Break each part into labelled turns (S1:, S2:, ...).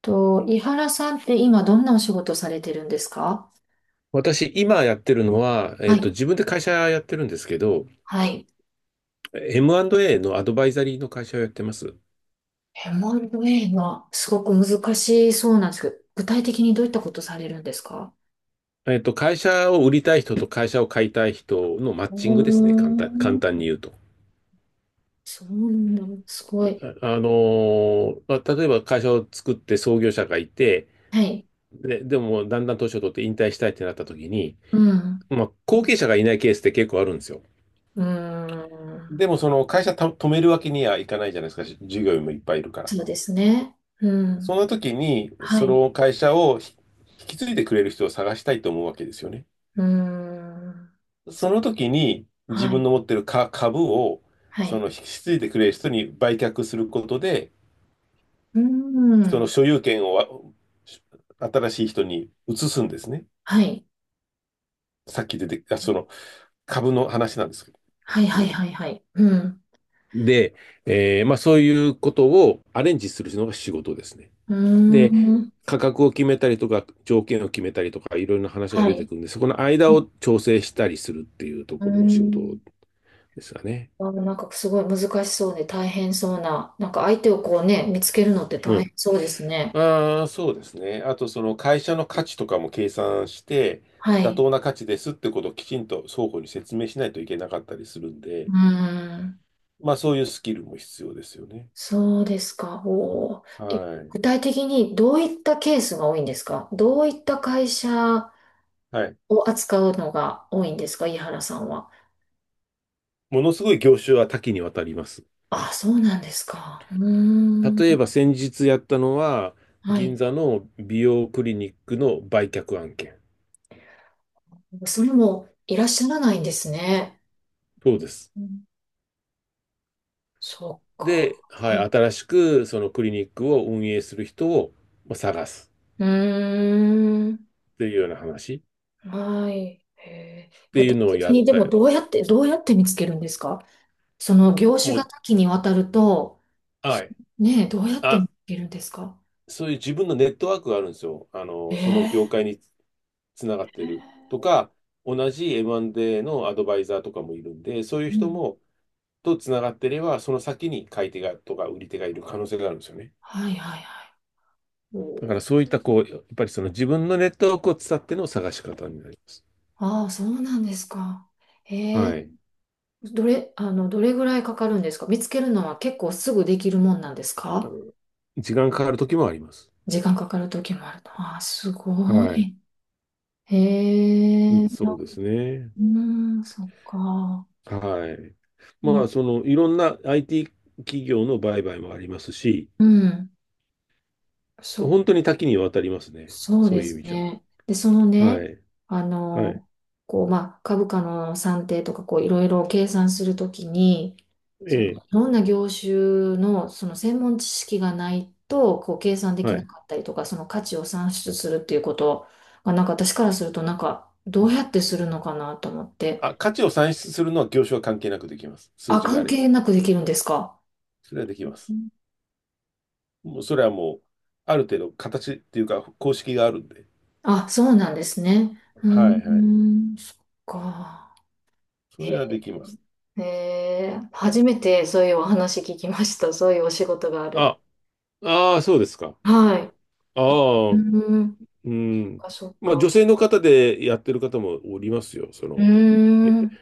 S1: と、井原さんって今どんなお仕事されてるんですか？
S2: 私、今やってるのは、
S1: はい。
S2: 自分で会社やってるんですけど、
S1: はい。
S2: M&A のアドバイザリーの会社をやってます。
S1: M&A がすごく難しそうなんですけど、具体的にどういったことされるんですか？
S2: 会社を売りたい人と会社を買いたい人のマッ
S1: う
S2: チングですね、簡
S1: ー
S2: 単、簡単
S1: ん。
S2: に言うと。
S1: そうなんだ。すごい。
S2: あ、まあ、例えば会社を作って創業者がいて、
S1: はい。
S2: で、でもだんだん年を取って引退したいってなった時に、
S1: うん。
S2: まあ、後継者がいないケースって結構あるんですよ。
S1: うーん。
S2: でもその会社た止めるわけにはいかないじゃないですか、従業員もいっぱいいるから。
S1: そうですね。う
S2: そ
S1: ん。
S2: の時に、
S1: は
S2: そ
S1: い。
S2: の会社を引き継いでくれる人を探したいと思うわけですよね。
S1: うーん。
S2: その時に、自
S1: は
S2: 分
S1: い。
S2: の持ってる株を、
S1: は
S2: そ
S1: い。
S2: の引き継いでくれる人に売却することで、
S1: うー
S2: その
S1: ん。
S2: 所有権を新しい人に移すんですね。
S1: はい。
S2: さっき出て、あ、その株の話なんですけど。
S1: はいは
S2: う
S1: い
S2: ん。
S1: はいはい。うん。
S2: で、まあそういうことをアレンジするのが仕事ですね。
S1: うー
S2: で、
S1: ん。
S2: 価格を決めたりとか、条件を決めたりとか、いろいろな話が
S1: は
S2: 出て
S1: い。
S2: くるんで、そこの間
S1: はい。
S2: を調整したりするっていうと
S1: うー
S2: ころの仕事
S1: ん。
S2: ですかね。
S1: なんかすごい難しそうで大変そうな、なんか相手をこうね、見つけるのって
S2: う
S1: 大変
S2: ん。
S1: そうですね。
S2: ああ、そうですね。あと、その会社の価値とかも計算して、
S1: は
S2: 妥
S1: い。
S2: 当な価値ですってことをきちんと双方に説明しないといけなかったりするん
S1: う
S2: で、
S1: ーん。
S2: まあそういうスキルも必要ですよね。
S1: そうですか。お
S2: は
S1: ー。え、
S2: い。
S1: 具体的にどういったケースが多いんですか？どういった会社
S2: はい。
S1: を扱うのが多いんですか、井原さんは。
S2: ものすごい業種は多岐にわたります。
S1: あ、そうなんですか。うーん。
S2: 例えば先日やったのは、
S1: は
S2: 銀
S1: い。
S2: 座の美容クリニックの売却案件。
S1: それもいらっしゃらないんですね。
S2: そうです。
S1: うん。そっか。
S2: で、はい、
S1: はい。
S2: 新しくそのクリニックを運営する人をまあ探す
S1: うーん。
S2: っていうような話っ
S1: はい。へえ、
S2: て
S1: 具
S2: いう
S1: 体
S2: のを
S1: 的
S2: やっ
S1: にでも
S2: た、
S1: どうやって、どうやって見つけるんですか？その業種
S2: も
S1: が
S2: う、
S1: 多岐にわたると、
S2: は
S1: そ、
S2: い。
S1: ねえ、どうやって見
S2: あ、
S1: つけるんですか？
S2: そういう自分のネットワークがあるんですよ。あの、その
S1: ええ。
S2: 業界につながってるとか、同じ M&A のアドバイザーとかもいるんで、そういう
S1: う
S2: 人
S1: ん。
S2: もとつながってれば、その先に買い手がとか売り手がいる可能性があるんですよね。
S1: はいはいはい。
S2: だか
S1: お
S2: ら
S1: ー。
S2: そういったこう、やっぱりその自分のネットワークを伝っての探し方になります。
S1: ああ、そうなんですか。ええ。
S2: はい。
S1: どれ、どれぐらいかかるんですか？見つけるのは結構すぐできるもんなんです
S2: あの
S1: か？
S2: 時間かかる時もあります。
S1: 時間かかる時もあるの。ああ、すご
S2: はい。
S1: い。へ
S2: う
S1: え、
S2: ん、そ
S1: な、
S2: うですね。
S1: うん、そっか。
S2: はい。
S1: う
S2: ま
S1: ん、
S2: あ、その、いろんな IT 企業の売買もありますし、
S1: うん、そ
S2: 本
S1: っ、
S2: 当に多岐にわたりますね。
S1: そう
S2: そ
S1: で
S2: ういう意
S1: す
S2: 味じゃ。
S1: ね。で、その
S2: は
S1: ね、
S2: い。
S1: あ
S2: はい。
S1: の、こう、まあ、株価の算定とか、こう、いろいろ計算するときに、
S2: え
S1: その、い
S2: え。
S1: ろんな業種の、その、専門知識がないと、こう、計算でき
S2: は
S1: な
S2: い。
S1: かったりとか、その価値を算出するっていうことが、私からすると、どうやってするのかなと思って。
S2: あ、価値を算出するのは業種は関係なくできます。数
S1: あ、
S2: 字があ
S1: 関
S2: れば。
S1: 係なくできるんですか。
S2: それはできま
S1: う
S2: す。
S1: ん。
S2: もうそれはもう、ある程度形っていうか公式があるんで。
S1: あ、そうなんですね。う
S2: は
S1: ー
S2: いはい。
S1: ん、そっか。
S2: それは
S1: へ
S2: できます。
S1: え、へー、初めてそういうお話聞きました。そういうお仕事がある。
S2: あ、ああ、そうですか。
S1: はい。
S2: ああ、
S1: うん。
S2: うん。
S1: あ、そっ
S2: まあ、
S1: か。
S2: 女性の方でやってる方もおりますよ。そ
S1: うー
S2: の、え
S1: ん。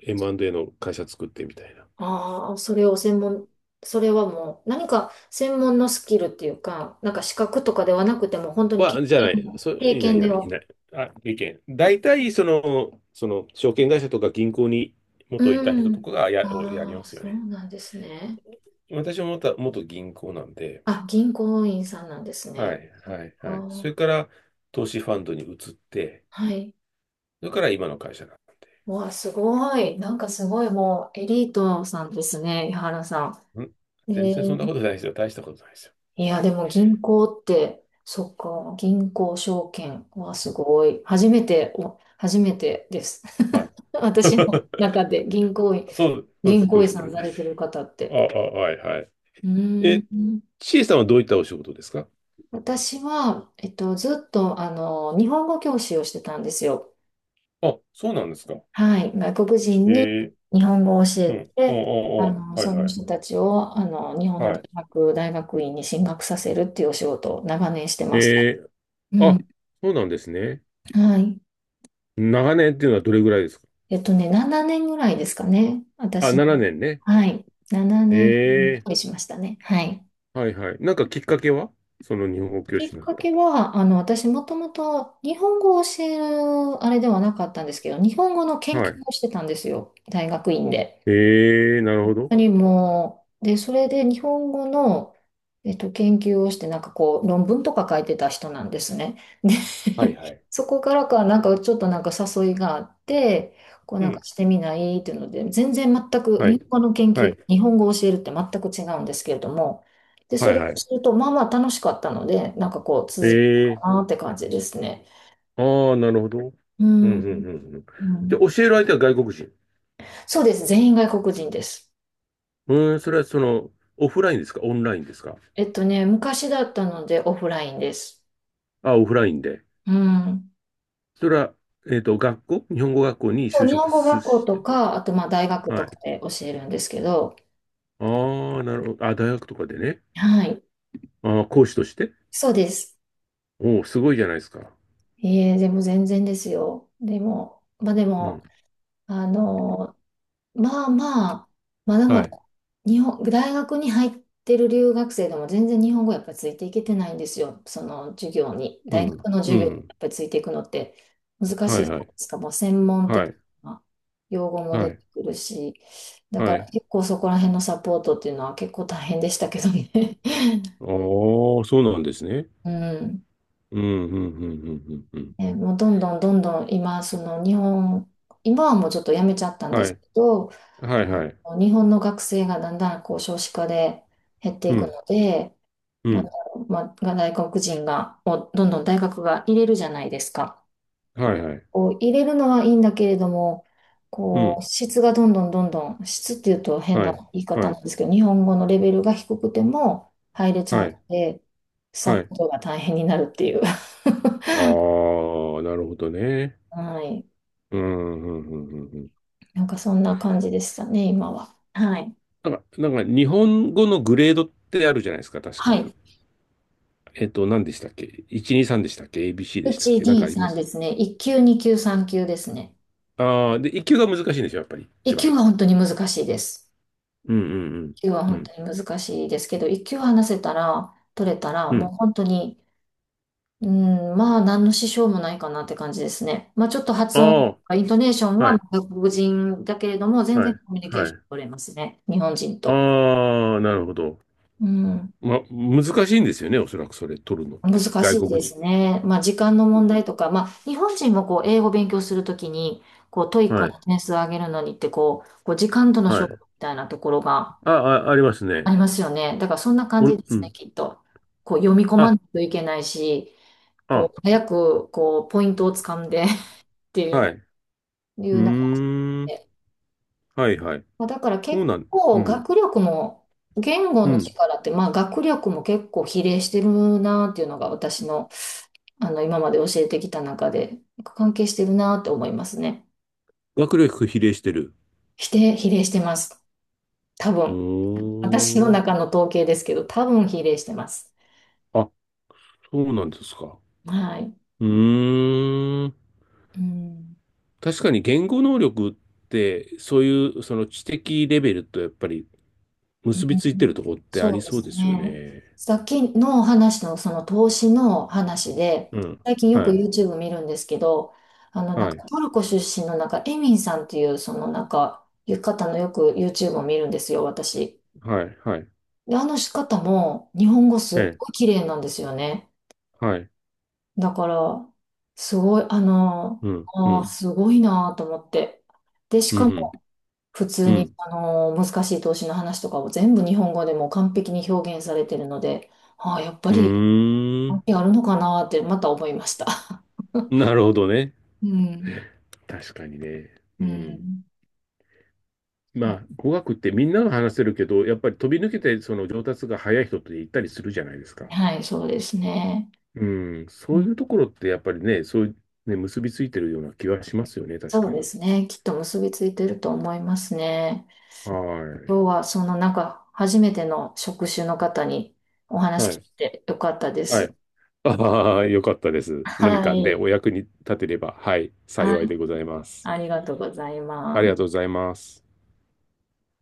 S2: M&A の会社作ってみたいな。
S1: ああ、それを専門、それはもう何か専門のスキルっていうか、なんか資格とかではなくても、本当に経
S2: じゃ
S1: 験、
S2: ない。
S1: 経
S2: いない、
S1: 験
S2: い
S1: で
S2: ない、い
S1: は。
S2: ない。あ、意見。大体、その、証券会社とか銀行に元いた
S1: う
S2: 人と
S1: ん。
S2: かがや、をやり
S1: あ
S2: ま
S1: あ、
S2: すよ
S1: そう
S2: ね。
S1: なんですね。
S2: 私も元銀行なんで、
S1: あ、銀行員さんなんです
S2: は
S1: ね。
S2: い、
S1: そっ
S2: はい、はい。そ
S1: か。
S2: れから、投資ファンドに移って、
S1: はい。
S2: それから今の会社な
S1: わあ、すごい。なんかすごいもうエリートさんですね、井原さ
S2: ん。ん、
S1: ん。
S2: 全
S1: え
S2: 然そんな
S1: ー、
S2: ことないですよ。大したことないですよ。
S1: いや、でも銀行って、そっか、銀行証券はすごい。初めて、お、初めてです。
S2: はい。
S1: 私の中で銀行員、
S2: そう、そうで
S1: 銀
S2: すそ
S1: 行
S2: う
S1: 員
S2: です
S1: さ
S2: か。
S1: んされてる方っ
S2: あ
S1: て。
S2: あ、はいはい。
S1: うー
S2: え、
S1: ん。
S2: ちえさんはどういったお仕事ですか？
S1: 私は、ずっと、あの、日本語教師をしてたんですよ。
S2: あ、そうなんですか。
S1: はい、外国人
S2: え
S1: に
S2: え、
S1: 日本語を教え
S2: うん。ああ、
S1: て、あの、
S2: ああ、はい
S1: その
S2: はい。
S1: 人たちを、あの、日本
S2: は
S1: の大
S2: い。
S1: 学、大学院に進学させるっていうお仕事を長年してまし
S2: え
S1: た。
S2: え、
S1: う
S2: あ、
S1: ん。
S2: そうなんですね。
S1: はい。
S2: 長年っていうのはどれぐらいですか？
S1: えっとね、7年ぐらいですかね。
S2: あ、
S1: 私
S2: 7
S1: も、
S2: 年ねんね。
S1: はい、7年ぐ
S2: え
S1: らいしましたね。はい。
S2: ー、はいはい。なんかきっかけは、その日本語教
S1: きっ
S2: 師になっ
S1: か
S2: た。
S1: けは、あの、私もともと日本語を教えるあれではなかったんですけど、日本語の研
S2: は
S1: 究
S2: い。
S1: をしてたんですよ。大学院で。
S2: えー、なるほど。
S1: にも、で、それで日本語の、研究をして、なんかこう、論文とか書いてた人なんですね。で、
S2: はいはい。
S1: そこからか、なんかちょっとなんか誘いがあって、こう
S2: う
S1: なんか
S2: ん。
S1: してみないっていうので、全然全く、
S2: はい。
S1: 日本語の研
S2: は
S1: 究、
S2: い。
S1: 日本語を教えるって全く違うんですけれども、で、そ
S2: はい
S1: れ
S2: は
S1: を
S2: い。
S1: すると、まあまあ楽しかったので、なんかこう、
S2: え
S1: 続く
S2: ー、
S1: かなって感じですね。
S2: ああ、なるほど。うん
S1: う
S2: うんう
S1: ん、
S2: んうん。
S1: う
S2: で、
S1: ん。
S2: 教える相手は外国人。
S1: そうです。全員外国人です。
S2: うーん、それはその、オフラインですか？オンラインですか？
S1: えっとね、昔だったのでオフラインです。
S2: あ、オフラインで。
S1: うん。
S2: それは、学校、日本語学校に
S1: そ
S2: 就
S1: う、日本
S2: 職
S1: 語
S2: す
S1: 学校
S2: し
S1: と
S2: て。
S1: か、あとまあ大学
S2: は
S1: とか
S2: い。
S1: で教えるんですけど、
S2: ああ、なるほど。あ、大学とかでね。
S1: はい、
S2: あー、講師として、
S1: そうです。
S2: おお、すごいじゃないですか。
S1: えー、でも全然ですよ。でも、まあで
S2: うん。
S1: も、あの、まあまあ、まだま
S2: はい。
S1: だ、日本、大学に入ってる留学生でも全然日本語やっぱりついていけてないんですよ。その授業に。
S2: う
S1: 大
S2: ん。
S1: 学の
S2: う
S1: 授業にや
S2: ん。
S1: っぱりついていくのって難
S2: は
S1: しい
S2: い
S1: じゃ
S2: は
S1: ない
S2: い。
S1: ですか。もう専門
S2: は
S1: 的
S2: い。
S1: な用語も
S2: は
S1: 出て
S2: い。
S1: くるし。だか
S2: は
S1: ら
S2: い。
S1: 結構そこら辺のサポートっていうのは結構大変でしたけどね。
S2: おお、そうなんですね。
S1: うん。
S2: うん、うん、うん、うん、うん。うん。
S1: ね、もうどんどんどんどん今、その日本、今はもうちょっとやめちゃったんで
S2: は
S1: す
S2: い。
S1: けど、
S2: はい、はい。
S1: 日本の学生がだんだんこう少子化で減って
S2: う
S1: いく
S2: ん、
S1: ので、
S2: う
S1: なんだ
S2: ん。
S1: ろう、まあ、外国人が、をどんどん大学が入れるじゃないですか。
S2: はい、はい。
S1: こう入れるのはいいんだけれども、
S2: う
S1: こう
S2: ん。
S1: 質がどんどんどんどん、質っていうと変
S2: は
S1: な
S2: い。
S1: 言い方
S2: は
S1: な
S2: い。
S1: んですけど、日本語のレベルが低くても入れちゃ
S2: は
S1: う
S2: い。
S1: ので、
S2: は
S1: サポ
S2: い。
S1: ートが大変になるっていう。
S2: ああ、なるほどね。
S1: はい。
S2: うん、うん、うん、うん。うん。
S1: なんかそんな感じでしたね、今は。はい。
S2: なんか、なんか日本語のグレードってあるじゃないですか、確
S1: は
S2: か。
S1: い。
S2: 何でしたっけ？ 1、2、3でしたっけ？ ABC でしたっけ？なん
S1: D
S2: かありま
S1: さん
S2: す？
S1: ですね。1級、2級、3級ですね。
S2: ああー、で、1級が難しいんですよ、やっぱり、
S1: 一
S2: 一
S1: 級
S2: 番。
S1: は本当に難しいです。
S2: うん、うん、
S1: 一級は
S2: う
S1: 本
S2: ん、
S1: 当に難しいですけど、一級話せたら、取れたら、
S2: うん、う
S1: もう
S2: ん。
S1: 本当に、うん、まあ、何の支障もないかなって感じですね。まあ、ちょっと発音、
S2: あ
S1: イントネーション
S2: あ、は
S1: は
S2: い、
S1: 外国人だけれども、全
S2: は
S1: 然
S2: い、
S1: コミュニケー
S2: は
S1: ション
S2: い。
S1: 取れますね。日本人と。
S2: ああ、なるほど。
S1: うん、
S2: ま、難しいんですよね、おそらくそれ、取るのっ
S1: 難
S2: て。外
S1: しいで
S2: 国人。
S1: すね。まあ、時間の問題とか、まあ、日本人もこう、英語勉強するときに、こう、トイック
S2: はい、
S1: 点数を上げるのにって、こう、こう時間との
S2: は
S1: 勝
S2: い。
S1: 負みたいなところが、
S2: あ、あ、あります
S1: あ
S2: ね。
S1: りますよね。だからそんな感
S2: お
S1: じ
S2: ん、
S1: で
S2: う
S1: すね、
S2: ん。
S1: きっと。こう読み込ま
S2: あ、
S1: ないといけないし、
S2: あ、
S1: こう早くこうポイントをつかんで っていう
S2: は
S1: の、
S2: い。
S1: い
S2: うー
S1: うな感じ
S2: ん、
S1: で。
S2: はい、はい。
S1: まあだから
S2: そ
S1: 結
S2: うなん、う
S1: 構
S2: ん、
S1: 学力も、言語
S2: う
S1: の
S2: ん。
S1: 力って、まあ学力も結構比例してるなっていうのが私の、あの今まで教えてきた中で関係してるなって思いますね。
S2: 学力比例してる。
S1: 比例、比例してます。多
S2: う
S1: 分。私の
S2: ーん。
S1: 中の統計ですけど、多分比例してます。
S2: あ、そうなんですか。
S1: はい。
S2: うーん。
S1: うん。
S2: 確かに言語能力って、そういうその知的レベルとやっぱり
S1: う
S2: 結びついてる
S1: ん、
S2: ところってあ
S1: そ
S2: り
S1: うで
S2: そう
S1: す
S2: ですよ
S1: ね。
S2: ね。
S1: さっきの話のその投資の話で、
S2: うん。
S1: 最近よく
S2: はい。
S1: YouTube 見るんですけど、あのなん
S2: は
S1: か
S2: い。
S1: トルコ出身のなんかエミンさんっていうそのなんかう方のよく YouTube を見るんですよ、私。
S2: はい。はい。
S1: で、あの方も日本語すっ
S2: ええ。
S1: ごい綺麗なんですよね。
S2: はい。
S1: だから、すごい、あの、
S2: うん。う
S1: あー、
S2: ん。
S1: すごいなと思って。で、し
S2: う
S1: かも
S2: ん。
S1: 普通
S2: う
S1: に
S2: ん。
S1: あの難しい投資の話とかを全部日本語でも完璧に表現されてるので、ああ、やっぱ
S2: う
S1: り
S2: ーん。
S1: 関係あるのかなってまた思いました。
S2: なるほどね。
S1: うん。
S2: 確かにね。
S1: う
S2: うん。
S1: ん。
S2: ま
S1: そう、
S2: あ、語学ってみんなが話せるけど、やっぱり飛び抜けてその上達が早い人って言ったりするじゃないですか。
S1: はい、そうですね。
S2: うん、
S1: う
S2: そうい
S1: ん、
S2: うところってやっぱりね、そういう、ね、結びついてるような気はしますよね、確
S1: そう
S2: か
S1: で
S2: に。
S1: すね。きっと結びついてると思いますね。
S2: は
S1: 今日はそのなんか初めての職種の方にお
S2: い。
S1: 話
S2: は
S1: 聞
S2: い。
S1: いてよかったで
S2: は
S1: す。
S2: い。ああ、よかったです。何
S1: は
S2: かね、
S1: い。
S2: お役に立てれば、はい、
S1: はい。
S2: 幸いでございます。
S1: ありがとうござい
S2: あり
S1: ま
S2: がとうご
S1: す。
S2: ざいます。